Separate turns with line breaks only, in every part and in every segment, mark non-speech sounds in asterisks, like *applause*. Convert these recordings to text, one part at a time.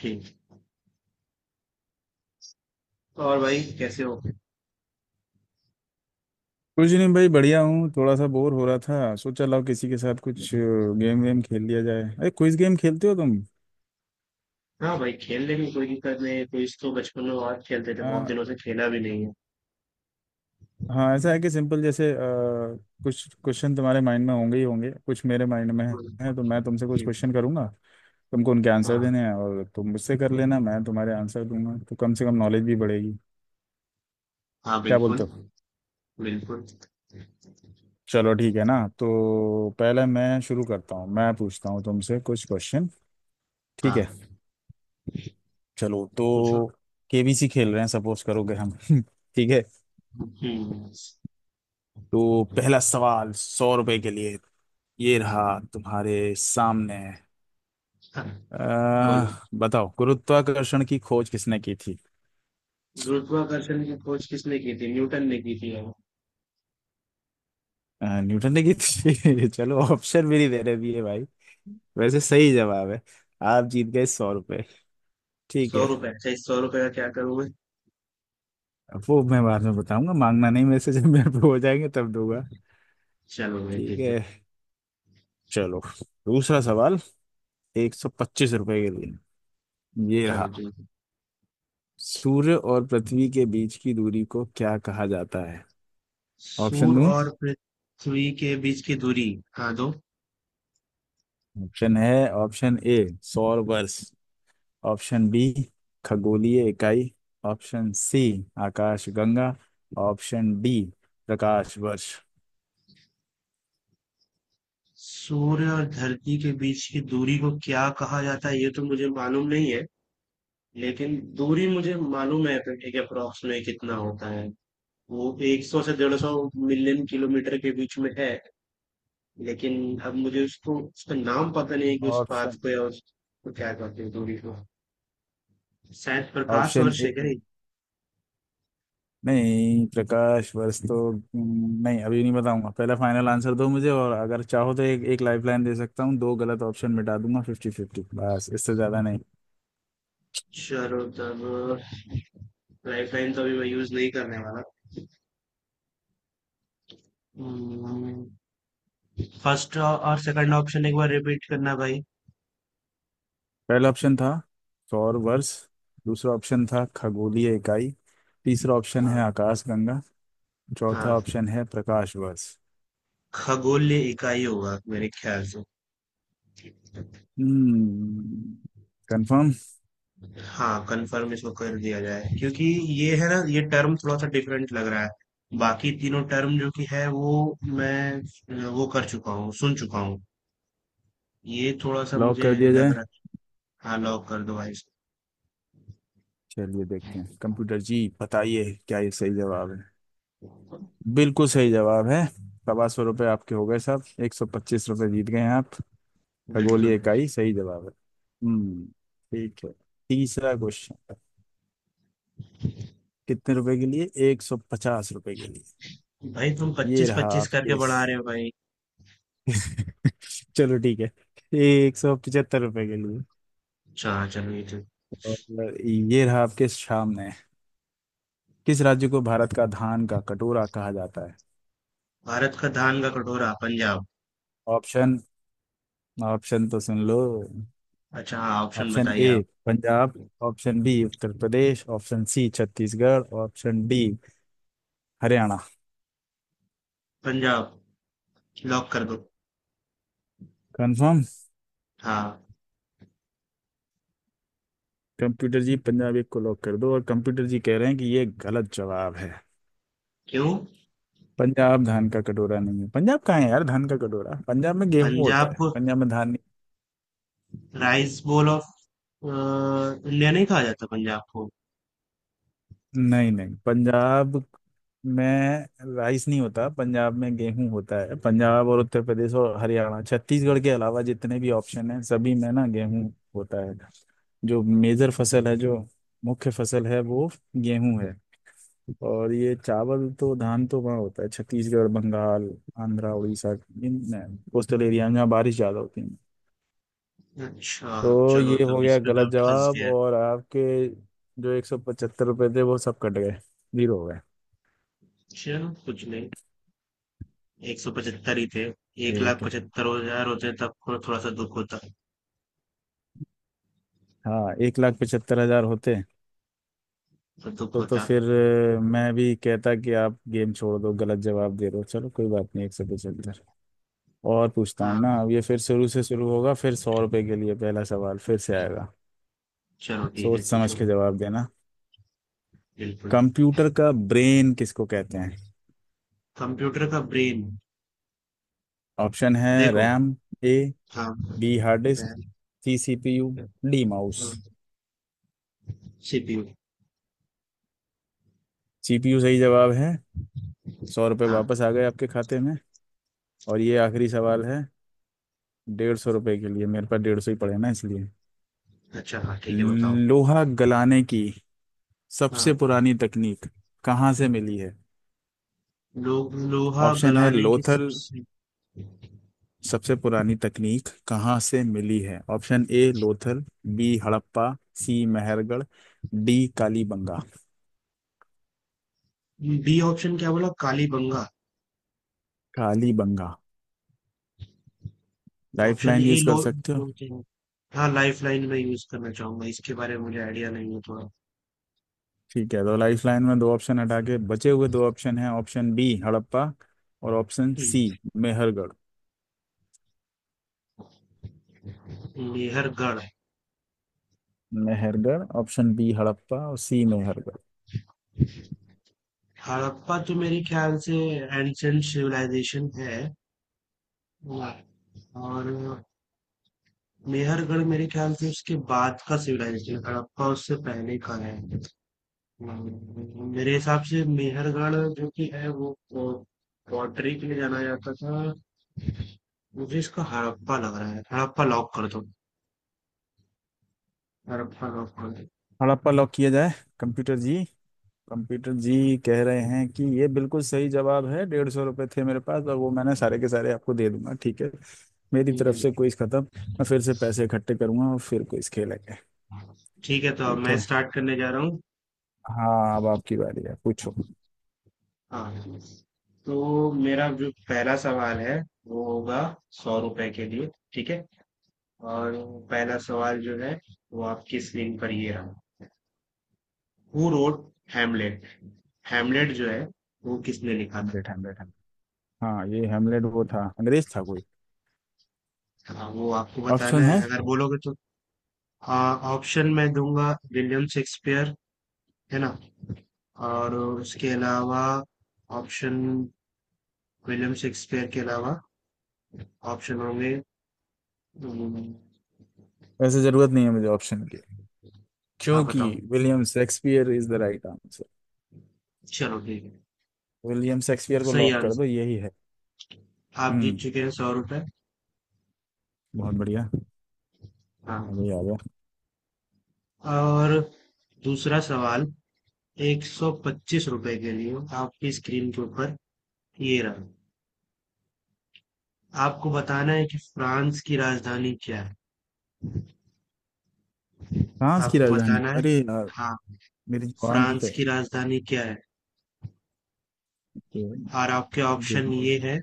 जी। और भाई कैसे हो?
कुछ नहीं भाई, बढ़िया हूँ। थोड़ा सा बोर हो रहा था, सोचा लाओ किसी के साथ कुछ गेम वेम खेल लिया जाए। अरे क्विज गेम खेलते हो तुम?
हाँ भाई, खेल लेंगे, कोई दिक्कत नहीं है। क्विज तो इसको बचपन में बहुत खेलते थे, बहुत
आ,
दिनों से खेला भी नहीं है।
हाँ, ऐसा है कि सिंपल, जैसे कुछ क्वेश्चन तुम्हारे माइंड में होंगे ही होंगे, कुछ मेरे माइंड में
हम्म।
है। तो मैं तुमसे कुछ
जी।
क्वेश्चन करूंगा, तुमको उनके आंसर
हाँ।
देने हैं और तुम मुझसे कर लेना, मैं तुम्हारे आंसर दूंगा। तो कम से कम नॉलेज भी बढ़ेगी।
हाँ
क्या
बिल्कुल।
बोलते हो?
बिल्कुल।
चलो ठीक है ना। तो पहले मैं शुरू करता हूँ, मैं पूछता हूँ तुमसे कुछ क्वेश्चन। ठीक है।
हाँ
चलो
पूछो।
तो केबीसी खेल रहे हैं सपोज करोगे हम। *laughs* ठीक है।
हम्म।
तो पहला सवाल 100 रुपए के लिए ये रहा तुम्हारे सामने।
हाँ, बोलो।
अह बताओ, गुरुत्वाकर्षण की खोज किसने की थी?
गुरुत्वाकर्षण की खोज किसने की थी? न्यूटन ने की थी यार।
न्यूटन ने की थी। *laughs* चलो, ऑप्शन भी नहीं दे रहे भी है भाई। वैसे सही जवाब है। आप जीत गए 100 रुपए। ठीक
सौ
है।
रुपए, अच्छा इस 100 रुपए का क्या करूँगा?
अब वो मैं बाद में बताऊंगा, मांगना नहीं मेरे से। जब मेरे पे हो जाएंगे तब दूंगा।
चलो भाई
ठीक
ठीक है।
है। चलो दूसरा सवाल 125 रुपए के लिए ये
चलो
रहा।
ठीक है।
सूर्य और पृथ्वी के बीच की दूरी को क्या कहा जाता है? ऑप्शन
सूर्य
दूं?
और पृथ्वी के बीच की दूरी। हाँ दो।
ऑप्शन है, ऑप्शन ए सौर वर्ष, ऑप्शन बी खगोलीय इकाई, ऑप्शन सी आकाश गंगा, ऑप्शन डी प्रकाश वर्ष।
सूर्य और धरती के बीच की दूरी को क्या कहा जाता है, ये तो मुझे मालूम नहीं है। लेकिन दूरी मुझे मालूम है, एक अप्रोक्स में कितना होता है। वो 100 से 150 मिलियन किलोमीटर के बीच में है। लेकिन अब मुझे उसको, उसका नाम पता नहीं है कि उस
ऑप्शन
पाथ को या उसको क्या कहते हैं दूरी को। शायद प्रकाश
ऑप्शन
वर्ष
ए।
है क्या ये?
नहीं, प्रकाश वर्ष तो नहीं, अभी नहीं बताऊंगा। पहले फाइनल आंसर दो मुझे, और अगर चाहो तो एक एक लाइफ लाइन दे सकता हूँ, दो गलत ऑप्शन मिटा दूंगा, फिफ्टी फिफ्टी, बस इससे ज्यादा नहीं।
चलो तब लाइफ लाइन तो अभी मैं यूज नहीं करने वाला। फर्स्ट और सेकंड ऑप्शन एक बार रिपीट करना भाई।
पहला ऑप्शन था सौर वर्ष, दूसरा ऑप्शन था खगोलीय इकाई, तीसरा ऑप्शन
हाँ।
है आकाशगंगा, चौथा
हाँ
ऑप्शन है प्रकाश वर्ष।
खगोलीय इकाई होगा मेरे ख्याल से।
हम्म। कंफर्म?
हाँ कंफर्म इसको कर दिया जाए, क्योंकि ये है ना, ये टर्म थोड़ा सा डिफरेंट लग रहा है, बाकी तीनों टर्म जो कि है वो मैं वो कर चुका हूँ, सुन चुका हूँ। ये थोड़ा सा
लॉक
मुझे
कर दिया
लग
जाए।
रहा है। हाँ लॉक कर दो भाई इसको।
चलिए देखते हैं, कंप्यूटर जी बताइए क्या ये सही जवाब है। बिल्कुल सही जवाब है। 125 रुपये आपके हो गए साहब। 125 रुपये जीत गए हैं आप। खगोलीय
बिल्कुल।
इकाई सही जवाब है। हम्म। ठीक है। तीसरा क्वेश्चन कितने रुपए के लिए? 150 रुपए के लिए
भाई तुम
ये
पच्चीस
रहा
पच्चीस करके
आपके।
बढ़ा रहे हो भाई।
चलो ठीक है, 175 रुपए के लिए।
अच्छा हाँ चलो ये तो।
और ये रहा आपके सामने। किस राज्य को भारत का धान का कटोरा कहा जाता है?
भारत का धान का कटोरा पंजाब।
ऑप्शन, ऑप्शन तो सुन लो।
अच्छा हाँ ऑप्शन
ऑप्शन
बताइए
ए
आप।
Punjab, option B Uttar Pradesh, option C Chhattisgarh, option D Haryana.
Punjab. Lock कर दो।
कंफर्म?
हाँ।
कंप्यूटर जी, पंजाब एक को लॉक कर दो। और कंप्यूटर जी कह रहे हैं कि ये गलत जवाब है।
क्यों?
पंजाब धान का कटोरा नहीं है। पंजाब कहाँ है यार धान का कटोरा, पंजाब में गेहूं होता
पंजाब
है,
को,
पंजाब में धान
राइस बोल ऑफ इंडिया नहीं कहा जाता पंजाब को?
नहीं नहीं नहीं। पंजाब मैं राइस नहीं होता, पंजाब में गेहूं होता है। पंजाब और उत्तर प्रदेश और हरियाणा, छत्तीसगढ़ के अलावा जितने भी ऑप्शन हैं सभी में ना गेहूं होता है। जो मेजर फसल है, जो मुख्य फसल है वो गेहूं है। और ये चावल तो, धान तो वहाँ होता है, छत्तीसगढ़, बंगाल, आंध्रा, उड़ीसा, इन कोस्टल एरिया में जहाँ बारिश ज़्यादा होती है।
अच्छा।
तो
चलो
ये हो
तब इस
गया
पे मैं
गलत
फंस
जवाब,
गया।
और आपके जो 175 रुपये थे वो सब कट गए, जीरो हो गए।
चलो कुछ नहीं, 175 ही थे। एक लाख
ठीक है।
पचहत्तर हजार होते तब को थोड़ा सा दुख होता।
हाँ, 1,75,000 होते
तो दुख
तो
होता।
फिर मैं भी कहता कि आप गेम छोड़ दो, गलत जवाब दे रहे हो। चलो कोई बात नहीं, 175 और पूछता हूँ
हाँ
ना। अब ये फिर शुरू से शुरू होगा, फिर 100 रुपए के लिए पहला सवाल फिर से आएगा।
चलो ठीक है
सोच समझ
पूछो।
के जवाब देना।
बिल्कुल।
कंप्यूटर का ब्रेन किसको कहते हैं?
कंप्यूटर का ब्रेन।
ऑप्शन है,
देखो।
रैम ए,
हाँ।
B hard disk, C CPU, D mouse.
CPU.
CPU सही जवाब है। 100 रुपये
हाँ।
वापस आ गए आपके खाते में। और ये आखिरी सवाल है, 150 रुपये के लिए, मेरे पास 150 ही पड़े ना इसलिए।
अच्छा हाँ ठीक है बताओ।
लोहा गलाने की सबसे
हाँ।
पुरानी तकनीक कहाँ से मिली है?
लो, लोहा
ऑप्शन है
गलाने की
लोथल।
सबसे।
सबसे पुरानी तकनीक कहाँ से मिली है? Option A Lothal, B Harappa, C Mehrgarh, D Kalibangan.
B option क्या बोला, Kalibangan?
Kalibangan?
Option
lifeline
A
use
लो
कर सकते हो।
होते हैं। हाँ लाइफ लाइन में यूज करना चाहूंगा, इसके बारे में मुझे आइडिया नहीं है थोड़ा।
ठीक है, तो लाइफलाइन में दो ऑप्शन हटा के बचे हुए दो ऑप्शन हैं, ऑप्शन बी हड़प्पा और option C Mehrgarh.
Mehrgarh.
Mehrgarh? Option B Harappa और सी मेहरगढ़।
हड़प्पा तो मेरे ख्याल से एंशियंट सिविलाइजेशन है, और मेहरगढ़ मेरे ख्याल से उसके बाद का सिविलाइजेशन, हड़प्पा उससे पहले का है। मेरे हिसाब से मेहरगढ़ जो कि है वो पॉटरी के लिए जाना जाता था। मुझे इसका हड़प्पा लग रहा है, हड़प्पा लॉक कर दो। हड़प्पा लॉक कर दो।
हड़प्पा लॉक किया जाए? कंप्यूटर जी, कंप्यूटर जी कह रहे हैं कि ये बिल्कुल सही जवाब है। 150 रुपये थे मेरे पास, और वो मैंने सारे के सारे आपको दे दूंगा। ठीक है। मेरी
ठीक
तरफ से
है।
क्विज खत्म, मैं फिर से पैसे इकट्ठे करूंगा और फिर क्विज खेलेंगे।
ठीक है तो अब
ठीक
मैं
है।
स्टार्ट करने जा रहा हूँ।
हाँ अब आपकी बारी है, पूछो।
हाँ। तो मेरा जो पहला सवाल है वो होगा 100 रुपए के लिए। ठीक है। और पहला सवाल जो है वो आपकी स्क्रीन पर ये रहा। Who wrote Hamlet. हेमलेट जो है वो किसने लिखा?
बैठा बैठा। हाँ ये हेमलेट, वो था अंग्रेज था कोई।
था हाँ, वो आपको बताना
ऑप्शन
है
है,
अगर बोलोगे तो। हाँ ऑप्शन मैं दूंगा विलियम शेक्सपियर, है ना? और उसके अलावा ऑप्शन, विलियम शेक्सपियर के अलावा ऑप्शन होंगे। हम्म।
वैसे जरूरत नहीं है मुझे ऑप्शन की,
हाँ
क्योंकि
बताओ।
William Shakespeare is the right answer.
चलो ठीक है।
विलियम शेक्सपियर को
सही
लॉक कर
आंसर।
दो, यही है।
आप जीत
हम्म,
चुके हैं 100 रुपए।
बहुत बढ़िया।
हाँ।
अभी आ गया।
और दूसरा सवाल 125 रुपए के लिए, आपकी स्क्रीन के ऊपर ये रहा। आपको बताना है कि फ्रांस की राजधानी क्या है।
फ्रांस की
आपको
राजधानी,
बताना है।
अरे यार
हाँ,
मेरी जुबान पे
फ्रांस की राजधानी क्या है?
तो
और आपके ऑप्शन ये है।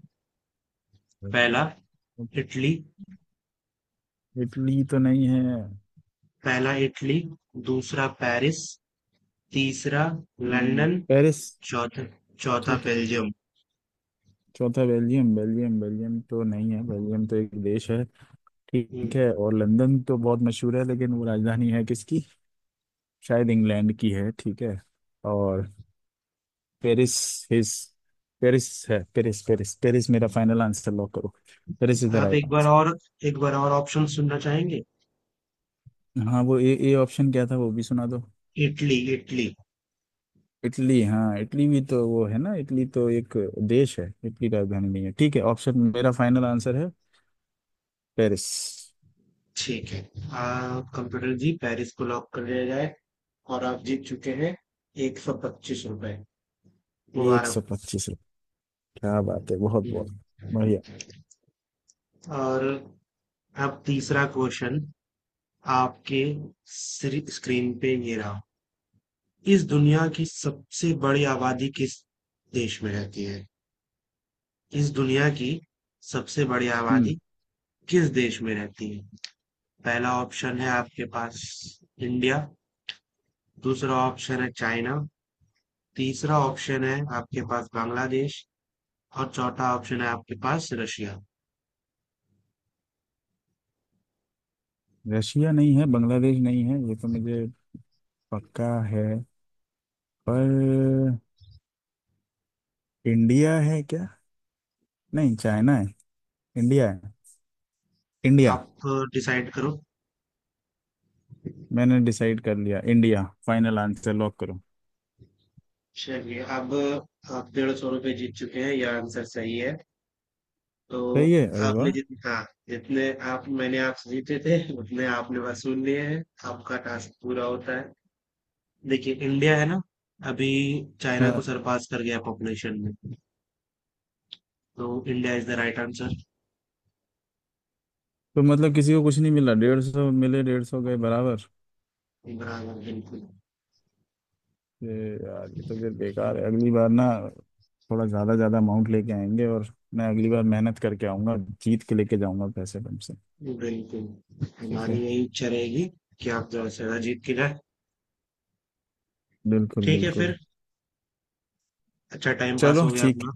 पहला
जिम्बाब्वे।
इटली।
इटली तो नहीं है।
पहला इटली। दूसरा पेरिस। तीसरा लंदन।
पेरिस।
चौथा, चौथा
ठीक है,
बेल्जियम।
चौथा बेल्जियम, बेल्जियम बेल्जियम तो नहीं है, बेल्जियम तो एक देश है।
हम्म।
ठीक है। और लंदन तो बहुत मशहूर है, लेकिन वो राजधानी है किसकी? शायद इंग्लैंड की है। ठीक है। और पेरिस, हिज पेरिस है। पेरिस, पेरिस, पेरिस मेरा फाइनल आंसर, लॉक करो। पेरिस इज द
आप
राइट
एक बार
आंसर।
और, एक बार और ऑप्शन सुनना चाहेंगे?
हाँ, वो ए ए ऑप्शन क्या था वो भी सुना दो।
इटली। इटली।
इटली। हाँ इटली भी तो वो है ना, इटली तो एक देश है, इटली राजधानी नहीं है। ठीक है, ऑप्शन मेरा फाइनल आंसर है पेरिस।
ठीक है। कंप्यूटर जी पेरिस को लॉक कर दिया जाए। और आप जीत चुके हैं 125 रुपए।
एक
मुबारक।
सौ पच्चीस, क्या बात है, बहुत
हम्म।
बहुत बढ़िया।
और अब तीसरा क्वेश्चन आपके स्क्रीन पे ये रहा। इस दुनिया की सबसे बड़ी आबादी किस देश में रहती है? इस दुनिया की सबसे बड़ी
हम्म।
आबादी किस देश में रहती है? पहला ऑप्शन है आपके पास इंडिया। दूसरा ऑप्शन है चाइना। तीसरा ऑप्शन है आपके पास बांग्लादेश। और चौथा ऑप्शन है आपके पास रशिया।
रशिया नहीं है, बांग्लादेश नहीं है, ये तो मुझे पक्का है। पर इंडिया है क्या, नहीं चाइना है, इंडिया है, इंडिया।
आप डिसाइड करो।
मैंने डिसाइड कर लिया, इंडिया फाइनल आंसर लॉक करो।
चलिए, अब आप 150 रुपये जीत चुके हैं, यह आंसर सही है तो।
सही है? अरे
आपने
वाह।
जितने, हाँ जितने आप, मैंने आपसे जीते थे उतने आपने वसूल लिए हैं। आपका टास्क पूरा होता है। देखिए इंडिया है ना, अभी चाइना को
हाँ
सरपास कर गया पॉपुलेशन में। तो India is the right answer.
तो मतलब किसी को कुछ नहीं मिला, 150 मिले 150 गए, बराबर।
बराबर बिल्कुल।
ये यार ये तो फिर बेकार है। अगली बार ना थोड़ा ज्यादा ज्यादा अमाउंट लेके आएंगे, और मैं अगली बार मेहनत करके आऊंगा, जीत के लेके जाऊंगा पैसे तुमसे।
बिल्कुल
ठीक
हमारी
है।
यही इच्छा रहेगी कि आप ज्यादा से ज्यादा जीत के जाए।
बिल्कुल
ठीक है फिर,
बिल्कुल।
अच्छा टाइम पास
चलो
हो गया
ठीक।
अपना।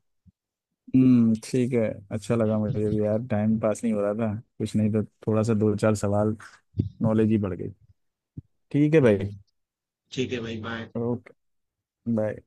ठीक है। अच्छा लगा मुझे भी यार, टाइम पास नहीं हो रहा था, कुछ नहीं तो थोड़ा सा दो चार सवाल नॉलेज ही बढ़ गई। ठीक है भाई।
हम्म। ठीक है भाई बाय।
Okay, bye.